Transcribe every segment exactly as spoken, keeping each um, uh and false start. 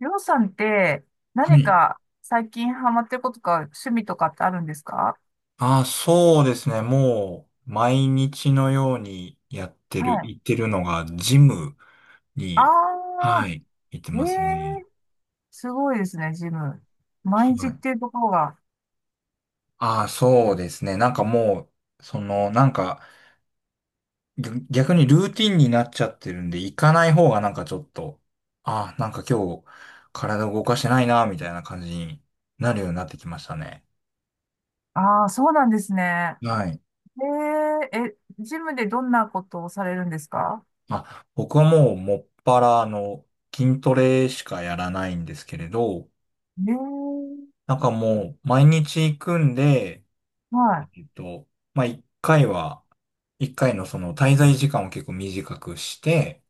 りょうさんっては何い。か最近ハマってることか趣味とかってあるんですか？ああ、そうですね。もう、毎日のようにやってはる、い。行ってるのが、ジムあに、はあ、い、行ってえますね。え、すごいですね、ジム。毎日はっい。ていうところが。ああ、そうですね。なんかもう、その、なんか、ぎょ逆にルーティンになっちゃってるんで、行かない方がなんかちょっと、ああ、なんか今日、体動かしてないな、みたいな感じになるようになってきましたね。ああ、そうなんですね。はい。えええ、ジムでどんなことをされるんですか？あ、僕はもう、もっぱら、あの、筋トレしかやらないんですけれど、ええ、なんかもう、毎日行くんで、はい、えっと、まあ、一回は、一回のその滞在時間を結構短くして、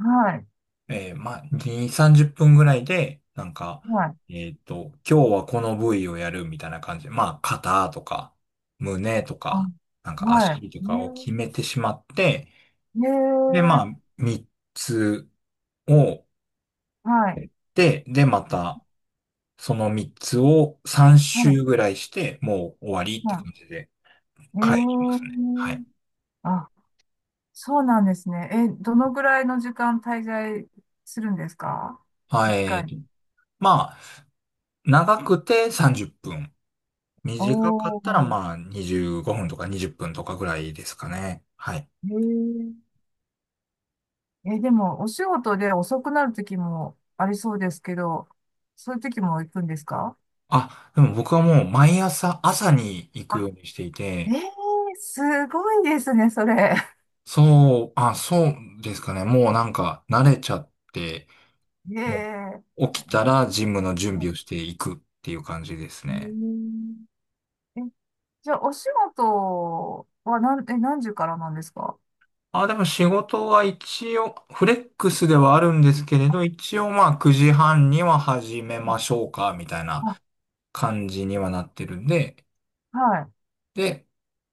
はい、えーまあ、に、さんじゅっぷんぐらいで、なんか、はい、えっと、今日はこの部位をやるみたいな感じで、まあ、肩とか、胸とあ、か、なんかは足とかを決い、めてしまって、えで、えええ、まあ、みっつをはい、やって、で、また、そのみっつをさんは周い、ぐらいして、もう終わりっては感じで。い、えはい、いきますね。はい。え、あ、そうなんですね。え、どのぐらいの時間滞在するんですか？あ一え回ーに。と、まあ、長くてさんじゅっぷん。お短かったら、ー、まあ、にじゅうごふんとかにじゅっぷんとかぐらいですかね。はい。へえ。え、でも、お仕事で遅くなる時もありそうですけど、そういう時も行くんですか？あ、でも僕はもう毎朝、朝に行くよあ、うにしていえて、え、すごいですね、それ。そう、あ、そうですかね。もうなんか慣れちゃって、へもえ。う起きたえ、らジムの準備をしていくっていう感じですうね。ん。ええ、じゃあ、お仕事は何、え、何時からなんですか？あ、でも仕事は一応、フレックスではあるんですけれど、一応まあくじはんには始めましょうか、みたいなあ、感じにはなってるんで、はい。で、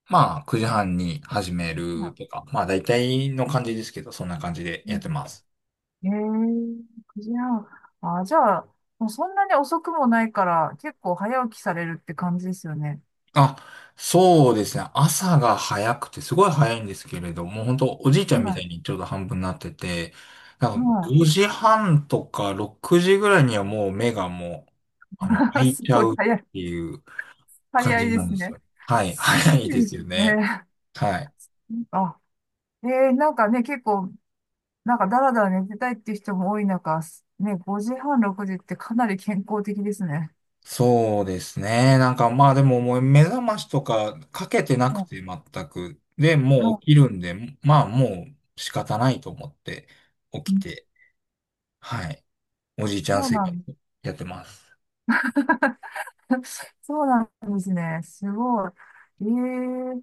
まあくじはんに始めはるい、とか、まあ大体の感じですけど、そんな感じでうやってん、ます。ええ、くじはん。あ、じゃあ、もうそんなに遅くもないから、結構早起きされるって感じですよね。あ、そうですね。朝が早くて、すごい早いんですけれども、本当おじいちゃんみたはいにちょうど半分になってて、ない。んかはい。ごじはんとかろくじぐらいにはもう目がもう、あの、開いすちゃごいうっ早い。ていう感早いじでなんすですよ。ね。はい。す早いごでいすよね。ね。はい。あ、ええ、なんかね、結構、なんかだらだら寝てたいっていう人も多い中、ね、ごじはん、ろくじってかなり健康的ですね。そうですね。なんかまあでももう目覚ましとかかけてなくうん、て全く。で、もう起きるんで、まあもう仕方ないと思って起うきん、て、はい。おじいちゃんそう生な活ん、やってます。そうなんですね。すごい。ええ、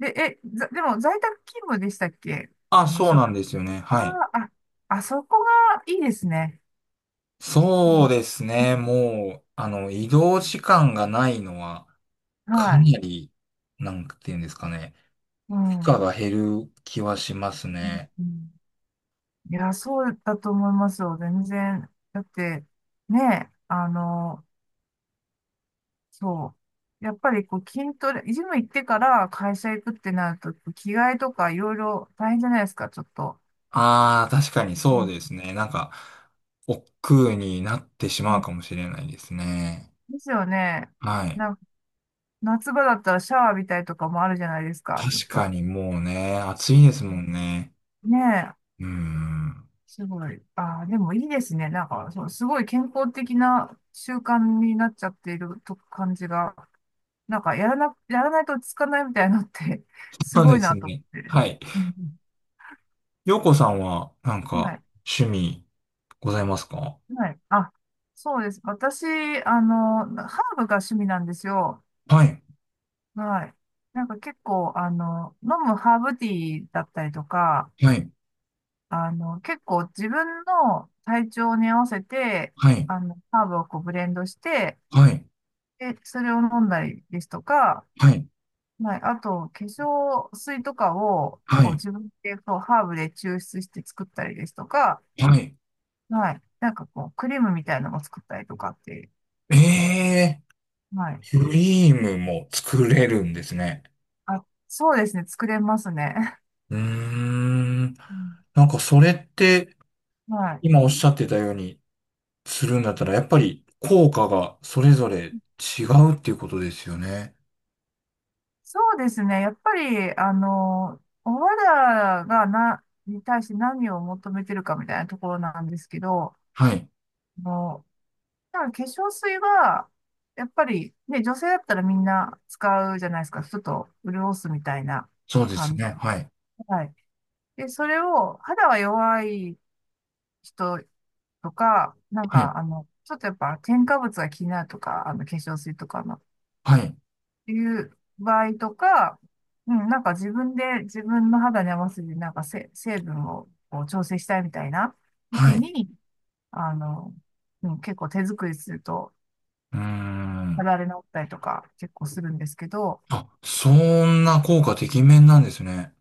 で、え、ざでも在宅勤務でしたっけ？あ、あの、そしうょ、なんですよね。あー、はい。あ、あそこがいいですね。うそうん、ですね。もう、あの、移動時間がないのはかはい。なり、なんていうんですかね。う負荷ん。うが減る気はしますね。ん、いや、そうだと思いますよ。全然。だって、ね、あの、そう。やっぱりこう筋トレ、ジム行ってから会社行くってなると、着替えとかいろいろ大変じゃないですか、ちょっと。ああ、確かにうそうん、ですね。なんか、億劫になってしうまうんかもしれないですね。ですよね。はい。な、夏場だったらシャワー浴びたりとかもあるじゃないですか、ちょっ確かと。にもうね、暑いですもんね。ねえ、うーん。すごい。ああ、でもいいですね。なんか、そう、すごい健康的な習慣になっちゃっていると感じが、なんか、やらな、やらないと落ち着かないみたいなのって すそうごでいすなと思ね。って。はい。うん。洋子さんは、なんはか、い。趣味、ございますか？はい。あ、そうです。私、あの、ハーブが趣味なんですよ。はい。はい。なんか結構、あの、飲むハーブティーだったりとか、はい。あの、結構自分の体調に合わせて、はい。あの、ハーブをこうブレンドして、はい。で、それを飲んだりですとか、はい。はい、あと、化粧水とかを、はこう、い。自分で、こう、ハーブで抽出して作ったりですとか、はい。はい、なんかこう、クリームみたいなのも作ったりとかって、ええはい。ー、クリームも作れるんですね。あ、そうですね、作れますね。うーん。うん、なんか、それって、はい。今おっしゃってたように、するんだったら、やっぱり効果がそれぞれ違うっていうことですよね。そうですね。やっぱり、あの、お肌がな、に対して何を求めてるかみたいなところなんですけど、はい。あの、だから化粧水は、やっぱり、ね、女性だったらみんな使うじゃないですか。ちょっと潤すみたいなそうです感じ。ね。はい。はい。で、それを、肌が弱い人とか、なんはい。か、あの、ちょっとやっぱ添加物が気になるとか、あの、化粧水とかの、はい。いう場合とか、うん、なんか自分で自分の肌に合わせて、なんかせ成分をこう調整したいみたいなは時い。うに、あの、うん、結構手作りすると、ー肌ん。荒れ治ったりとか結構するんですけど、あ、そんな効果てきめんなんですね。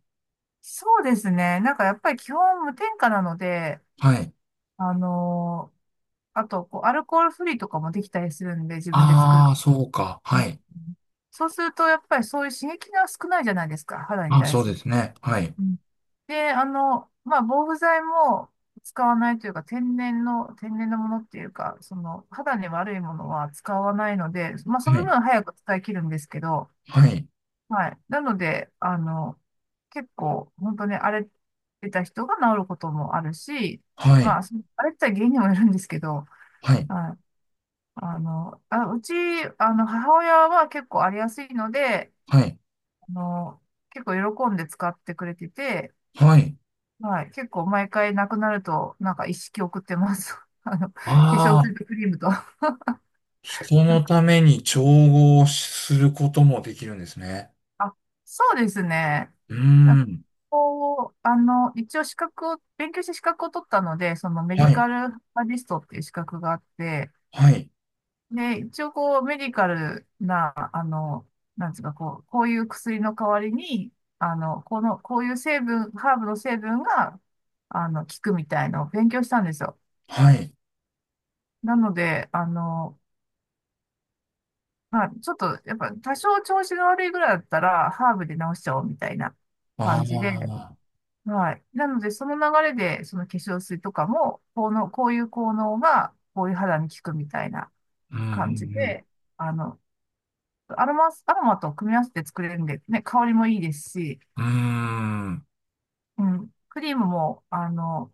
そうですね。なんかやっぱり基本無添加なので、はい。あのーあと、こう、アルコールフリーとかもできたりするんで、自分で作る。ああ、そうか。うん、はい。そうすると、やっぱりそういう刺激が少ないじゃないですか、肌にあ、対そうすでる。すね。はい。うん、で、あの、まあ、防腐剤も使わないというか、天然の、天然のものっていうか、その、肌に悪いものは使わないので、まあ、そはのい。分早く使い切るんですけど、はい。はい。なので、あの、結構、本当に荒れてた人が治ることもあるし、はい。まあ、その荒れてた原因にもよるんですけど、はい。はい。あの、あ、うち、あの、母親は結構荒れやすいので、はい。あの、結構喜んで使ってくれてて、はい。はい。結構毎回なくなると、なんか一式送ってます。あの、化粧あ水あ、とクリームと。人のために調合することもできるんですね。あ、そうですね。うーだ、ん。こう、あの、一応資格を、勉強して資格を取ったので、そのメデはィい。カルバリストっていう資格があって、はい。で、一応こう、メディカルな、あの、なんつうか、こう、こういう薬の代わりに、あの、この、こういう成分、ハーブの成分が、あの、効くみたいのを勉強したんですよ。はい。なので、あの、まあ、ちょっと、やっぱ、多少調子が悪いぐらいだったら、ハーブで治しちゃおうみたいなあ感じで、あ。はい。なので、その流れで、その化粧水とかも、このこういう効能が、こういう肌に効くみたいなうんう感じんで、あの、アロマス、アロマと組み合わせて作れるんで、ね、香りもいいですし、うん。うーん。うん、クリームも、あの、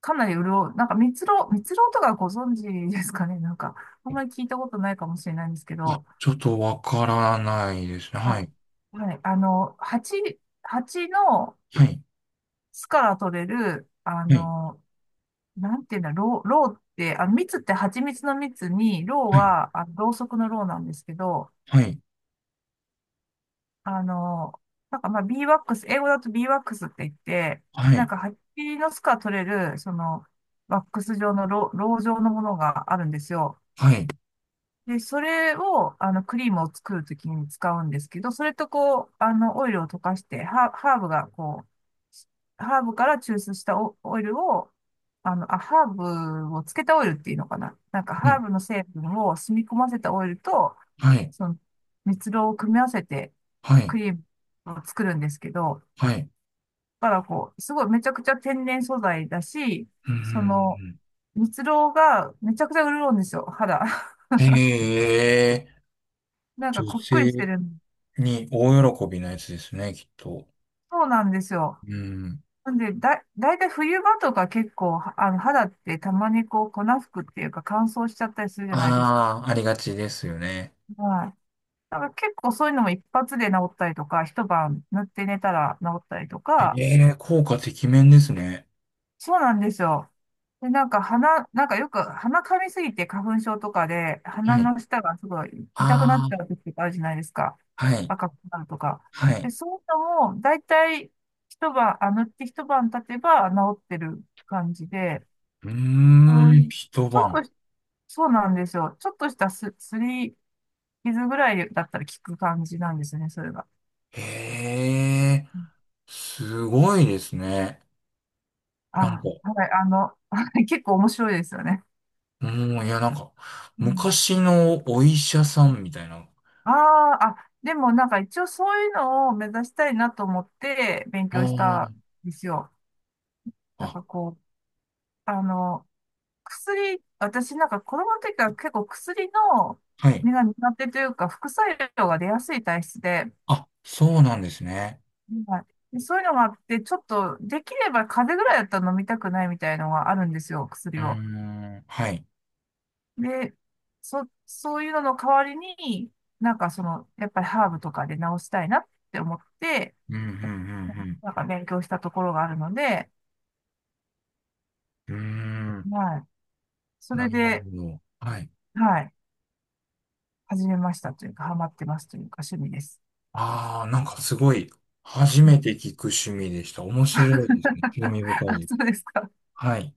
かなり潤う、なんか蜜蝋、蜜蝋とかご存知ですかね、なんか、あんまり聞いたことないかもしれないんですけあ、ど、ちょっとわからないですね。はあ、い。はい、あの、蜂、蜂のはい。巣から取れる、あの、なんていうんだ、ろう、ろうって、あの、蜜って蜂蜜の蜜に、ろうは、あの、ろうそくのろうなんですけど、はい。あの、なんかまあ、ビーワックス、英語だとビーワックスって言って、はなんい。か蜂の巣から取れる、その、ワックス状のろう、ろう状のものがあるんですよ。はい。で、それを、あの、クリームを作るときに使うんですけど、それとこう、あの、オイルを溶かして、ハー、ハーブがこう、ハーブから抽出したオ、オイルを、あの、あ、ハーブをつけたオイルっていうのかな。なんか、はハい。ーブの成分を染み込ませたオイルと、はい。その、蜜蝋を組み合わせて、はい。クリームを作るんですけど、はい。だからこう、すごいめちゃくちゃ天然素材だし、うその、ん。蜜蝋がめちゃくちゃ潤うんですよ、肌。ええなんか女こっくりして性る、に大喜びなやつですね、きっと。そうなんですよ。うん。なんで、だ、だいたい冬場とか結構、はあの、肌ってたまにこう、粉吹くっていうか乾燥しちゃったりするじゃないですか。ああ、ありがちですよね。はい。だから結構そういうのも一発で治ったりとか、一晩塗って寝たら治ったりとか、ええ効果てきめんですね。そうなんですよ。で、なんか鼻、なんかよく鼻噛みすぎて花粉症とかで、は鼻い。の下がすごい痛くなったあ時とかあるじゃないですか。あ、はい。赤くなるとか。はで、い。そういうのも、だいたい一晩、あ、塗って一晩経てば治ってる感じで、うーはん、い。一ちょっ晩。とし、そうなんですよ。ちょっとしたす、すり傷ぐらいだったら効く感じなんですね、それが。ええうん、すごいですね。なんあ、か、はい、あの、結構面白いですよね。うん、いや、なんか、うん、昔のお医者さんみたいな。ああ、あ、でもなんか一応そういうのを目指したいなと思って勉あ強しーたんですよ。なんあ、かこう、あの、薬、私なんか子供の時から結構薬の、はい。目が苦手というか副作用が出やすい体質で、あ、そうなんですね。はい、でそういうのがあって、ちょっと、できれば風邪ぐらいだったら飲みたくないみたいのがあるんですよ、う薬ーを。ん、はい。で、そ、そういうのの代わりに、なんかその、やっぱりハーブとかで治したいなって思って、うん、うん、なんか勉強したところがあるので、うん、うん。うーん、はい。そなれるほで、ど。はい。はい。始めましたというか、ハマってますというか、趣味です。ああ、なんかすごい、初うめん。て聞く趣味でした。面 白いですね。興味深いあ、です。そうですか。はい。